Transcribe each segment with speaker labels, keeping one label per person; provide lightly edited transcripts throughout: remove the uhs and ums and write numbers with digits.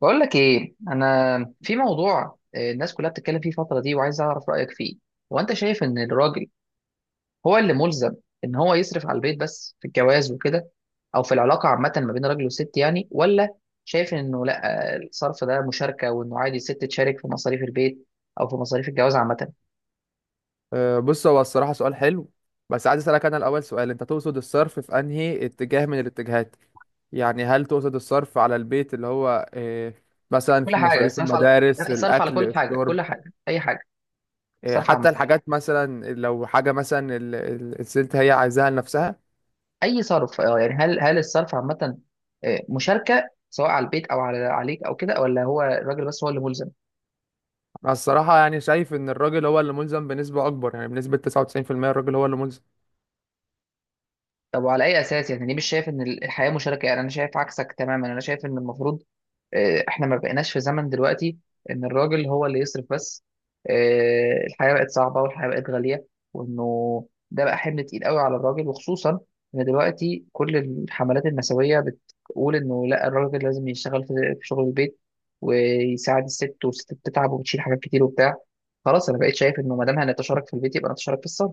Speaker 1: بقول لك ايه، انا في موضوع الناس كلها بتتكلم فيه الفتره دي وعايز اعرف رايك فيه. هو انت شايف ان الراجل هو اللي ملزم ان هو يصرف على البيت بس في الجواز وكده، او في العلاقه عامه ما بين راجل وست يعني، ولا شايف انه لا الصرف ده مشاركه وانه عادي الست تشارك في مصاريف البيت او في مصاريف الجواز عامه؟
Speaker 2: بص، هو الصراحة سؤال حلو. بس عايز أسألك أنا الأول سؤال، أنت تقصد الصرف في أنهي اتجاه من الاتجاهات؟ يعني هل تقصد الصرف على البيت، اللي هو مثلا
Speaker 1: كل
Speaker 2: في
Speaker 1: حاجه،
Speaker 2: مصاريف
Speaker 1: صرف على
Speaker 2: المدارس،
Speaker 1: صرف على
Speaker 2: الأكل،
Speaker 1: كل حاجه،
Speaker 2: الشرب،
Speaker 1: كل حاجه، اي حاجه، صرف عامه،
Speaker 2: حتى الحاجات، مثلا لو حاجة مثلا الست هي عايزاها لنفسها.
Speaker 1: اي صرف، اه يعني هل الصرف عامه مشاركه سواء على البيت او على عليك او كده، ولا هو الراجل بس هو اللي ملزم؟
Speaker 2: أنا الصراحة يعني شايف إن الراجل هو اللي ملزم بنسبة أكبر، يعني بنسبة 99% الراجل هو اللي ملزم.
Speaker 1: طب وعلى اي اساس؟ يعني ليه مش شايف ان الحياه مشاركه؟ يعني انا شايف عكسك تماما. انا شايف ان المفروض احنا ما بقيناش في زمن دلوقتي ان الراجل هو اللي يصرف بس. الحياه بقت صعبه والحياه بقت غاليه، وانه ده بقى حمل تقيل قوي على الراجل، وخصوصا ان دلوقتي كل الحملات النسويه بتقول انه لا، الراجل لازم يشتغل في في شغل البيت ويساعد الست، والست بتتعب وبتشيل حاجات كتير وبتاع. خلاص انا بقيت شايف انه ما دام هنتشارك في البيت يبقى نتشارك في الصرف.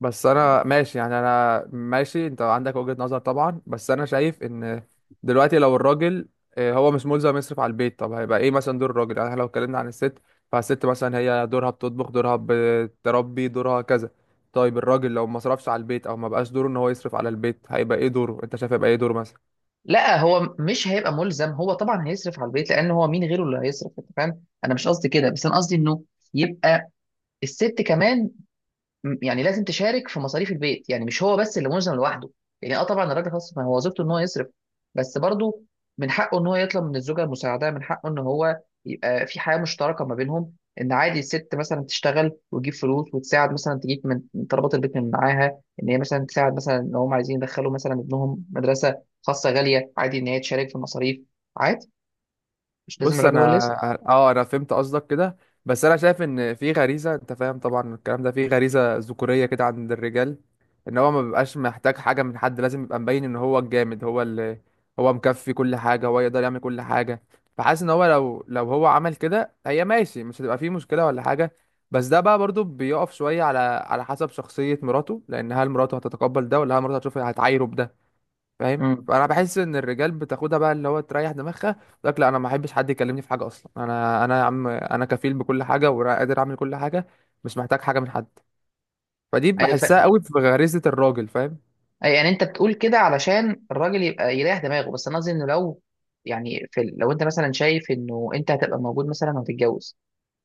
Speaker 2: بس انا ماشي، يعني انا ماشي، انت عندك وجهة نظر طبعا، بس انا شايف ان دلوقتي لو الراجل هو مش ملزم يصرف على البيت، طب هيبقى ايه مثلا دور الراجل؟ يعني إحنا لو اتكلمنا عن الست، فالست مثلا هي دورها بتطبخ، دورها بتربي، دورها كذا. طيب الراجل لو ما صرفش على البيت او ما بقاش دوره ان هو يصرف على البيت، هيبقى ايه دوره؟ انت شايف هيبقى ايه دوره مثلا؟
Speaker 1: لا هو مش هيبقى ملزم، هو طبعا هيصرف على البيت، لان هو مين غيره اللي هيصرف؟ انت فاهم، انا مش قصدي كده، بس انا قصدي انه يبقى الست كمان يعني لازم تشارك في مصاريف البيت، يعني مش هو بس اللي ملزم لوحده. يعني اه طبعا الراجل خلاص، ما هو وظيفته ان هو يصرف، بس برضه من حقه ان هو يطلب من الزوجه المساعده، من حقه ان هو يبقى في حياه مشتركه ما بينهم، ان عادي الست مثلا تشتغل وتجيب فلوس وتساعد، مثلا تجيب من طلبات البيت من معاها، ان هي مثلا تساعد، مثلا ان هم عايزين يدخلوا مثلا ابنهم مدرسه خاصه غاليه، عادي ان هي تشارك في المصاريف. عادي، مش لازم
Speaker 2: بص،
Speaker 1: الراجل
Speaker 2: انا
Speaker 1: هو اللي يصرف.
Speaker 2: اه انا فهمت قصدك كده. بس انا شايف ان في غريزه، انت فاهم طبعا الكلام ده، في غريزه ذكوريه كده عند الرجال. ان هو ما بيبقاش محتاج حاجه من حد، لازم يبقى مبين ان هو الجامد، هو اللي هو مكفي كل حاجه، هو يقدر يعمل كل حاجه. فحاسس ان هو لو هو عمل كده هي ماشي، مش هتبقى فيه مشكله ولا حاجه. بس ده بقى برضو بيقف شويه على حسب شخصيه مراته. لان هل مراته هتتقبل ده؟ ولا هل مراته هتشوف هتعايره بده؟ فاهم؟
Speaker 1: امم،
Speaker 2: فانا بحس ان الرجال بتاخدها بقى اللي هو تريح دماغها. يقول لك لا، انا ما احبش حد يكلمني في حاجه اصلا، انا يا عم، انا كفيل بكل حاجه وقادر اعمل كل حاجه، مش محتاج حاجه من حد. فدي
Speaker 1: ايوه.
Speaker 2: بحسها قوي في غريزه الراجل، فاهم؟
Speaker 1: أي، يعني انت بتقول كده علشان الراجل يبقى يريح دماغه، بس انا قصدي انه لو يعني لو انت مثلا شايف انه انت هتبقى موجود مثلا وهتتجوز،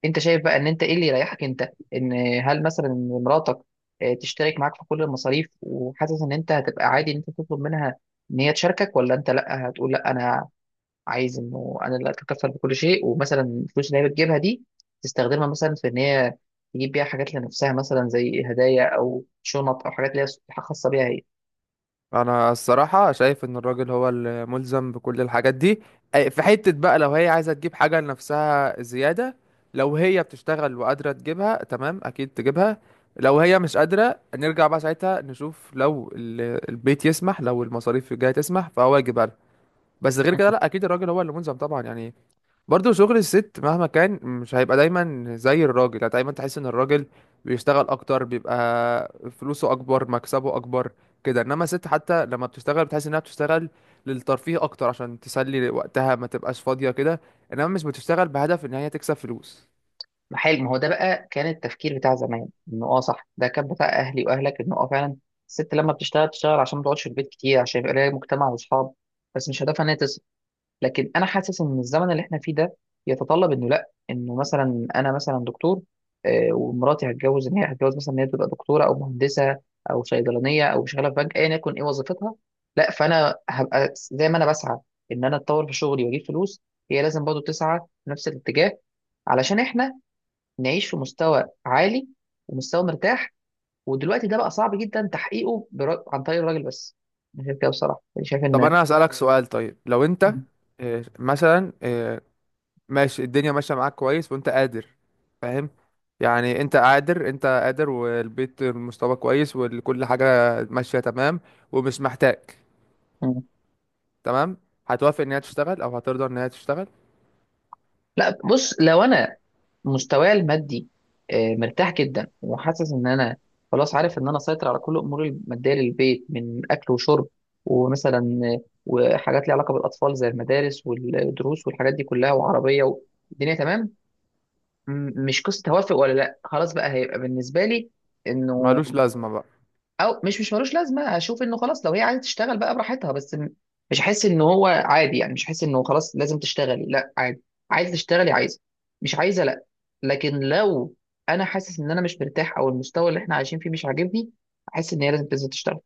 Speaker 1: انت شايف بقى ان انت ايه اللي يريحك انت؟ ان هل مثلا إن مراتك تشترك معاك في كل المصاريف وحاسس ان انت هتبقى عادي ان انت تطلب منها ان هي تشاركك، ولا انت لا هتقول لا انا عايز انه انا اللي اتكفل بكل شيء، ومثلا الفلوس اللي هي بتجيبها دي تستخدمها مثلا في ان هي تجيب بيها حاجات لنفسها، مثلا زي هدايا او شنط او حاجات اللي هي خاصه بيها هي؟
Speaker 2: انا الصراحه شايف ان الراجل هو الملزم بكل الحاجات دي. في حته بقى، لو هي عايزه تجيب حاجه لنفسها زياده، لو هي بتشتغل وقادره تجيبها، تمام، اكيد تجيبها. لو هي مش قادرة، نرجع بقى ساعتها نشوف لو البيت يسمح، لو المصاريف الجاية تسمح، فهو يجيبها لها. بس غير كده لا، اكيد الراجل هو اللي ملزم طبعا. يعني برضو شغل الست مهما كان مش هيبقى دايما زي الراجل، يعني دايما تحس ان الراجل بيشتغل اكتر، بيبقى فلوسه اكبر، مكسبه اكبر كده. انما الست حتى لما بتشتغل بتحس انها بتشتغل للترفيه اكتر، عشان تسلي وقتها ما تبقاش فاضية كده، انما مش بتشتغل بهدف ان هي تكسب فلوس.
Speaker 1: ما حلو، ما هو ده بقى كان التفكير بتاع زمان، انه اه صح، ده كان بتاع اهلي واهلك، انه اه فعلا الست لما بتشتغل تشتغل عشان ما تقعدش في البيت كتير، عشان يبقى لها مجتمع واصحاب، بس مش هدفها ان هي تصل. لكن انا حاسس ان الزمن اللي احنا فيه ده يتطلب انه لا، انه مثلا انا مثلا دكتور ومراتي هتجوز ان هي هتجوز مثلا ان هي تبقى دكتوره او مهندسه او صيدلانيه او شغاله في بنك، ايا يكن ايه وظيفتها. لا، فانا هبقى زي ما انا بسعى ان انا اتطور في شغلي واجيب فلوس، هي لازم برضه تسعى في نفس الاتجاه علشان احنا نعيش في مستوى عالي ومستوى مرتاح. ودلوقتي ده بقى صعب جدا تحقيقه برا... عن طريق الراجل بس. انا شايف كده بصراحه، أنا شايف
Speaker 2: طب
Speaker 1: ان
Speaker 2: انا هسألك سؤال. طيب لو انت
Speaker 1: م-
Speaker 2: مثلا، ماشي، الدنيا ماشية معاك كويس وانت قادر، فاهم يعني؟ انت قادر، والبيت المستوى كويس وكل حاجة ماشية تمام، ومش محتاج.
Speaker 1: م.
Speaker 2: تمام. هتوافق ان هي تشتغل او هترضى ان هي تشتغل؟
Speaker 1: لا بص، لو انا مستواي المادي مرتاح جدا وحاسس ان انا خلاص عارف ان انا اسيطر على كل اموري الماديه للبيت، من اكل وشرب، ومثلا وحاجات ليها علاقه بالاطفال زي المدارس والدروس والحاجات دي كلها وعربيه والدنيا تمام، مش قصه توافق ولا لا. خلاص بقى هيبقى بالنسبه لي انه
Speaker 2: ملوش لازمة بقى؟
Speaker 1: او مش ملوش لازمه، هشوف انه خلاص، لو هي عايزه تشتغل بقى براحتها، بس مش هحس ان هو عادي، يعني مش هحس انه خلاص لازم تشتغلي، لا عادي، عايزه تشتغلي عايزه، مش عايزه لا. لكن لو انا حاسس ان انا مش مرتاح او المستوى اللي احنا عايشين فيه مش عاجبني، احس ان هي لازم تنزل تشتغل.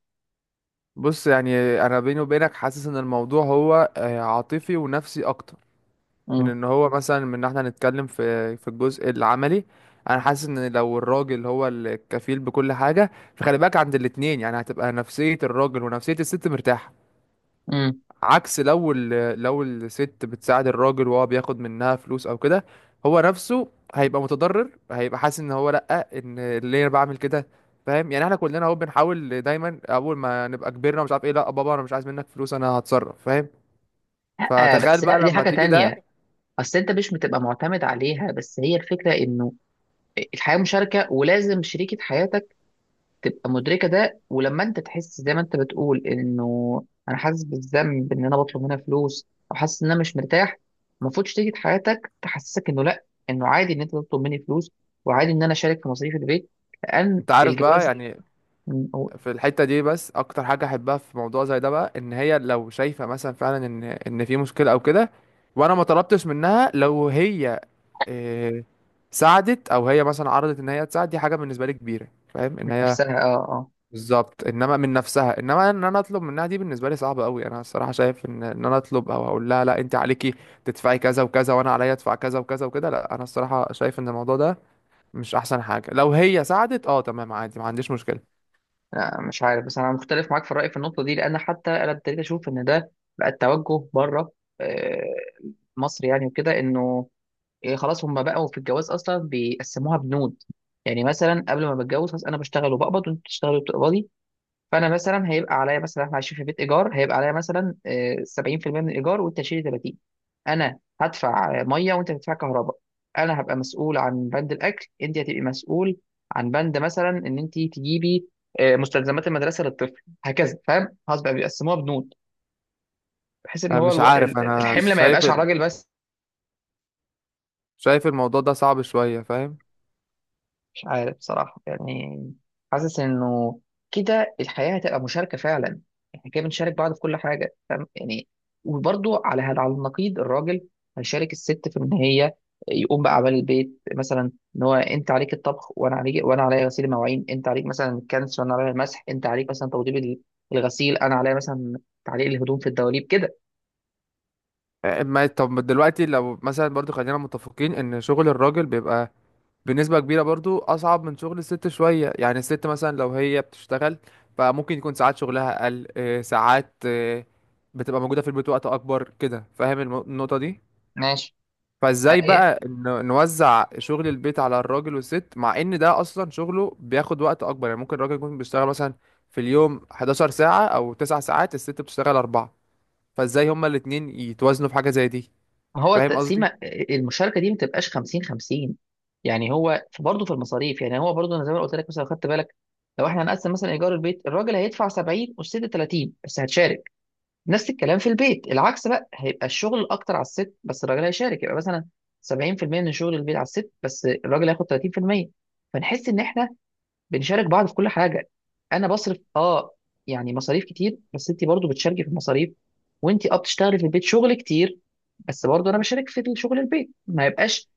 Speaker 2: بص، يعني انا بيني وبينك حاسس ان الموضوع هو عاطفي ونفسي اكتر، من
Speaker 1: امم،
Speaker 2: ان هو مثلا، من ان احنا نتكلم في الجزء العملي. انا حاسس ان لو الراجل هو الكفيل بكل حاجة، فخلي بالك عند الاتنين، يعني هتبقى نفسية الراجل ونفسية الست مرتاحة.
Speaker 1: امم.
Speaker 2: عكس لو لو الست بتساعد الراجل وهو بياخد منها فلوس او كده، هو نفسه هيبقى متضرر، هيبقى حاسس ان هو لا، ان ليه انا بعمل كده؟ فاهم يعني؟ احنا كلنا اهو بنحاول دايما، اول ما نبقى كبرنا ومش عارف ايه، لا بابا انا مش عايز منك فلوس، انا هتصرف، فاهم؟
Speaker 1: آه،
Speaker 2: فتخيل
Speaker 1: بس لا
Speaker 2: بقى
Speaker 1: دي
Speaker 2: لما
Speaker 1: حاجه
Speaker 2: تيجي ده.
Speaker 1: تانية، اصل انت مش بتبقى معتمد عليها، بس هي الفكره انه الحياه مشاركه، ولازم شريكه حياتك تبقى مدركه ده، ولما انت تحس زي ما انت بتقول انه انا حاسس بالذنب ان انا بطلب منها فلوس، او حاسس ان انا مش مرتاح، المفروض شريكه حياتك تحسسك انه لا، انه عادي ان انت تطلب مني فلوس، وعادي ان انا اشارك في مصاريف البيت، لان
Speaker 2: انت عارف بقى،
Speaker 1: الجواز
Speaker 2: يعني
Speaker 1: من.
Speaker 2: في الحتة دي بس اكتر حاجة احبها في موضوع زي ده بقى، ان هي لو شايفة مثلا فعلا ان في مشكلة او كده، وانا ما طلبتش منها، لو هي إيه، ساعدت، او هي مثلا عرضت ان هي تساعد، دي حاجه بالنسبه لي كبيره، فاهم؟
Speaker 1: من
Speaker 2: ان هي
Speaker 1: نفسها اه اه.
Speaker 2: بالظبط، انما من نفسها، انما ان انا اطلب منها، دي بالنسبه لي صعبه قوي. انا الصراحه شايف ان انا اطلب او اقول لها لا انت عليكي تدفعي كذا وكذا وانا عليا ادفع كذا وكذا وكده، لا، انا الصراحه شايف ان الموضوع ده مش احسن حاجه. لو هي ساعدت اه، تمام، عادي، ما عنديش مشكله.
Speaker 1: لا، مش عارف، بس انا مختلف معاك في الراي في النقطه دي، لان حتى انا ابتديت اشوف ان ده بقى التوجه بره آه، مصر يعني وكده، انه إيه، خلاص هم بقوا في الجواز اصلا بيقسموها بنود، يعني مثلا قبل ما بتجوز، خلاص انا بشتغل وبقبض وانت بتشتغلي وبتقبضي، فانا مثلا هيبقى عليا مثلا، احنا عايشين في بيت ايجار، هيبقى عليا مثلا 70% من الايجار وانت تشيلي 30، انا هدفع ميه وانت هتدفع كهرباء، انا هبقى مسؤول عن بند الاكل، انت هتبقي مسؤول عن بند مثلا ان انت تجيبي مستلزمات المدرسه للطفل، هكذا، فاهم؟ خلاص بقى بيقسموها بنود بحيث ان
Speaker 2: أنا
Speaker 1: هو
Speaker 2: مش عارف، انا
Speaker 1: الحمل ما
Speaker 2: شايف
Speaker 1: يبقاش على الراجل.
Speaker 2: شايف الموضوع ده صعب شويه، فاهم؟
Speaker 1: مش عارف بصراحة يعني، حاسس إنه كده الحياة هتبقى مشاركة فعلا، إحنا كده بنشارك بعض في كل حاجة فاهم يعني. وبرضو على هذا، على النقيض، الراجل هيشارك الست في إن هي يقوم بأعمال البيت، مثلا إن هو أنت عليك الطبخ وأنا عليك، وأنا عليا غسيل المواعين، أنت عليك مثلا الكنس وأنا عليا المسح، أنت عليك مثلا توضيب الغسيل، أنا عليا مثلا تعليق الهدوم في الدواليب كده.
Speaker 2: ما طب دلوقتي لو مثلا برضو خلينا متفقين ان شغل الراجل بيبقى بنسبة كبيرة برضو أصعب من شغل الست شوية، يعني الست مثلا لو هي بتشتغل فممكن يكون ساعات شغلها أقل، ساعات، بتبقى موجودة في البيت وقت أكبر كده، فاهم النقطة دي؟
Speaker 1: ماشي.
Speaker 2: فازاي بقى نوزع شغل البيت على الراجل والست، مع ان ده اصلا شغله بياخد وقت اكبر؟ يعني ممكن الراجل يكون بيشتغل مثلا في اليوم 11 ساعة او 9 ساعات، الست بتشتغل 4. فازاي هما الاتنين يتوازنوا في حاجة زي دي؟
Speaker 1: هو
Speaker 2: فاهم قصدي؟
Speaker 1: التقسيمه، المشاركه دي ما تبقاش 50 50، يعني هو برضه في المصاريف، يعني هو برضه انا زي ما قلت لك مثلا لو خدت بالك، لو احنا هنقسم مثلا ايجار البيت الراجل هيدفع 70 والست 30 بس هتشارك، نفس الكلام في البيت، العكس بقى هيبقى الشغل اكتر على الست بس الراجل هيشارك، يبقى مثلا 70% من شغل البيت على الست بس الراجل هياخد 30%، فنحس ان احنا بنشارك بعض في كل حاجه. انا بصرف اه يعني مصاريف كتير، بس انت برضه بتشاركي في المصاريف، وانت اه بتشتغلي في البيت شغل كتير، بس برضه انا بشارك في شغل البيت، ما يبقاش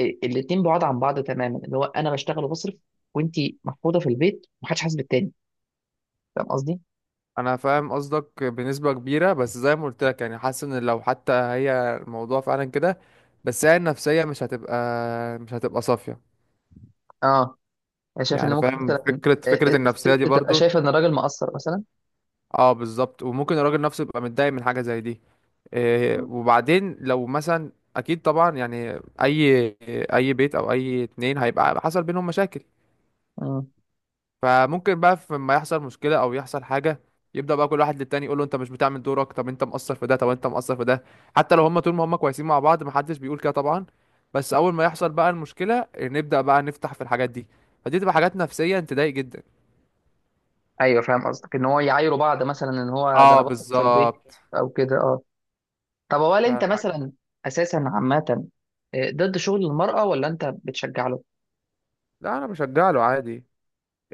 Speaker 1: الاتنين بعاد عن بعض تماما، اللي هو انا بشتغل وبصرف وانت محفوظه في البيت، ومحدش حاسس بالتاني، فاهم قصدي؟
Speaker 2: انا فاهم قصدك بنسبه كبيره، بس زي ما قلت لك يعني، حاسس ان لو حتى هي الموضوع فعلا كده، بس هي النفسيه مش هتبقى صافيه.
Speaker 1: اه، انا شايف ان
Speaker 2: يعني
Speaker 1: ممكن
Speaker 2: فاهم
Speaker 1: مثلا
Speaker 2: فكره
Speaker 1: الست
Speaker 2: النفسيه دي
Speaker 1: تبقى
Speaker 2: برضو.
Speaker 1: شايفه ان الراجل مقصر مثلا.
Speaker 2: اه بالظبط، وممكن الراجل نفسه يبقى متضايق من حاجه زي دي. إيه
Speaker 1: مم.
Speaker 2: وبعدين لو مثلا، اكيد طبعا يعني اي بيت او اي اتنين هيبقى حصل بينهم مشاكل.
Speaker 1: مم.
Speaker 2: فممكن بقى لما يحصل مشكلة او يحصل حاجة، يبدأ بقى كل واحد للتاني يقول له انت مش بتعمل دورك، طب انت مقصر في ده، طب انت مقصر في ده. حتى لو هما طول ما هما كويسين مع بعض محدش بيقول كده طبعا، بس اول ما يحصل بقى المشكلة نبدأ بقى نفتح في الحاجات دي، فدي تبقى حاجات نفسية تضايق جدا.
Speaker 1: ايوه، فاهم قصدك، ان هو يعايروا بعض، مثلا ان هو ده انا
Speaker 2: اه
Speaker 1: بصرف في البيت
Speaker 2: بالظبط.
Speaker 1: او كده، اه. طب هو، هل انت
Speaker 2: فالحاجة،
Speaker 1: مثلا اساسا عامه ضد شغل المراه ولا انت بتشجع له؟
Speaker 2: لا انا بشجع له عادي.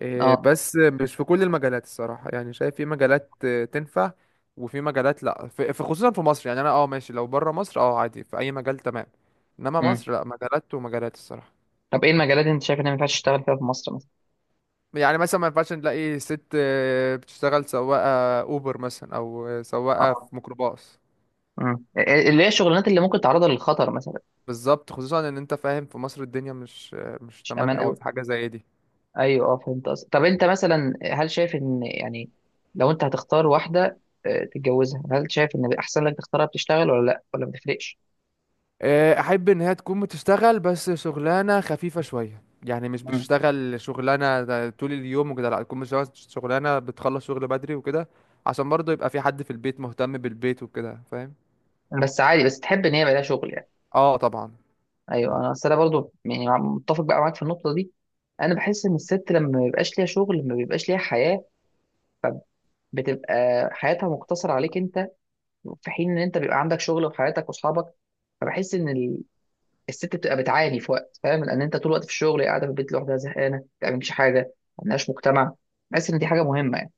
Speaker 1: اه.
Speaker 2: بس مش في كل المجالات الصراحة، يعني شايف في مجالات تنفع، وفي مجالات لا، خصوصا في مصر. يعني انا ماشي، لو بره مصر عادي في اي مجال، تمام. انما
Speaker 1: مم.
Speaker 2: مصر لا، مجالات ومجالات الصراحة.
Speaker 1: طب ايه المجالات اللي انت شايف انها ما ينفعش تشتغل فيها في مصر مثلا؟
Speaker 2: يعني مثلا ما ينفعش نلاقي ست بتشتغل سواقة اوبر مثلا، او سواقة
Speaker 1: اه،
Speaker 2: في ميكروباص.
Speaker 1: مم، اللي هي الشغلانات اللي ممكن تعرضها للخطر مثلا.
Speaker 2: بالظبط، خصوصا ان انت فاهم في مصر الدنيا مش مش
Speaker 1: مش
Speaker 2: تمام
Speaker 1: امان
Speaker 2: قوي
Speaker 1: قوي.
Speaker 2: في حاجة زي دي.
Speaker 1: ايوه، اه فهمت قصدك. طب انت مثلا هل شايف ان يعني، لو انت هتختار واحده تتجوزها، هل شايف ان احسن لك تختارها بتشتغل ولا لا، ولا ما تفرقش؟
Speaker 2: احب ان هي تكون بتشتغل، بس شغلانه خفيفه شويه، يعني مش
Speaker 1: مم.
Speaker 2: بتشتغل شغلانه ده طول اليوم وكده، لا، تكون بتشتغل شغلانه بتخلص شغل بدري وكده، عشان برضه يبقى في حد في البيت مهتم بالبيت وكده، فاهم؟
Speaker 1: بس عادي، بس تحب ان هي يبقى لها شغل يعني.
Speaker 2: اه طبعا.
Speaker 1: ايوه، انا اصل انا برضو يعني متفق بقى معاك في النقطه دي. انا بحس ان الست لما ما بيبقاش ليها شغل ما بيبقاش ليها حياه، بتبقى حياتها مقتصره عليك انت، في حين ان انت بيبقى عندك شغل وحياتك واصحابك، فبحس ان الست بتبقى بتعاني في وقت، فاهم؟ لان انت طول الوقت في الشغل، قاعده في البيت لوحدها زهقانه، ما بتعملش حاجه، ما عندهاش مجتمع، بحس ان دي حاجه مهمه يعني.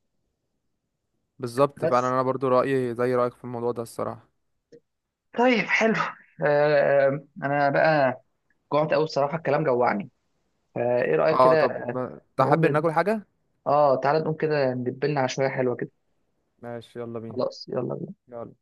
Speaker 2: بالظبط فعلا،
Speaker 1: بس
Speaker 2: انا برضو رايي زي رايك في الموضوع ده الصراحه.
Speaker 1: طيب، حلو. آه انا بقى جوعت قوي بصراحه، الكلام جوعني، فايه رايك
Speaker 2: اه
Speaker 1: كده؟
Speaker 2: طب، تحب
Speaker 1: نقوم
Speaker 2: ان
Speaker 1: ند...
Speaker 2: اكل حاجه؟
Speaker 1: اه تعالى نقوم كده ندبلنا على شويه حلوه كده.
Speaker 2: ماشي، يلا بينا.
Speaker 1: خلاص، يلا بينا.
Speaker 2: يلا.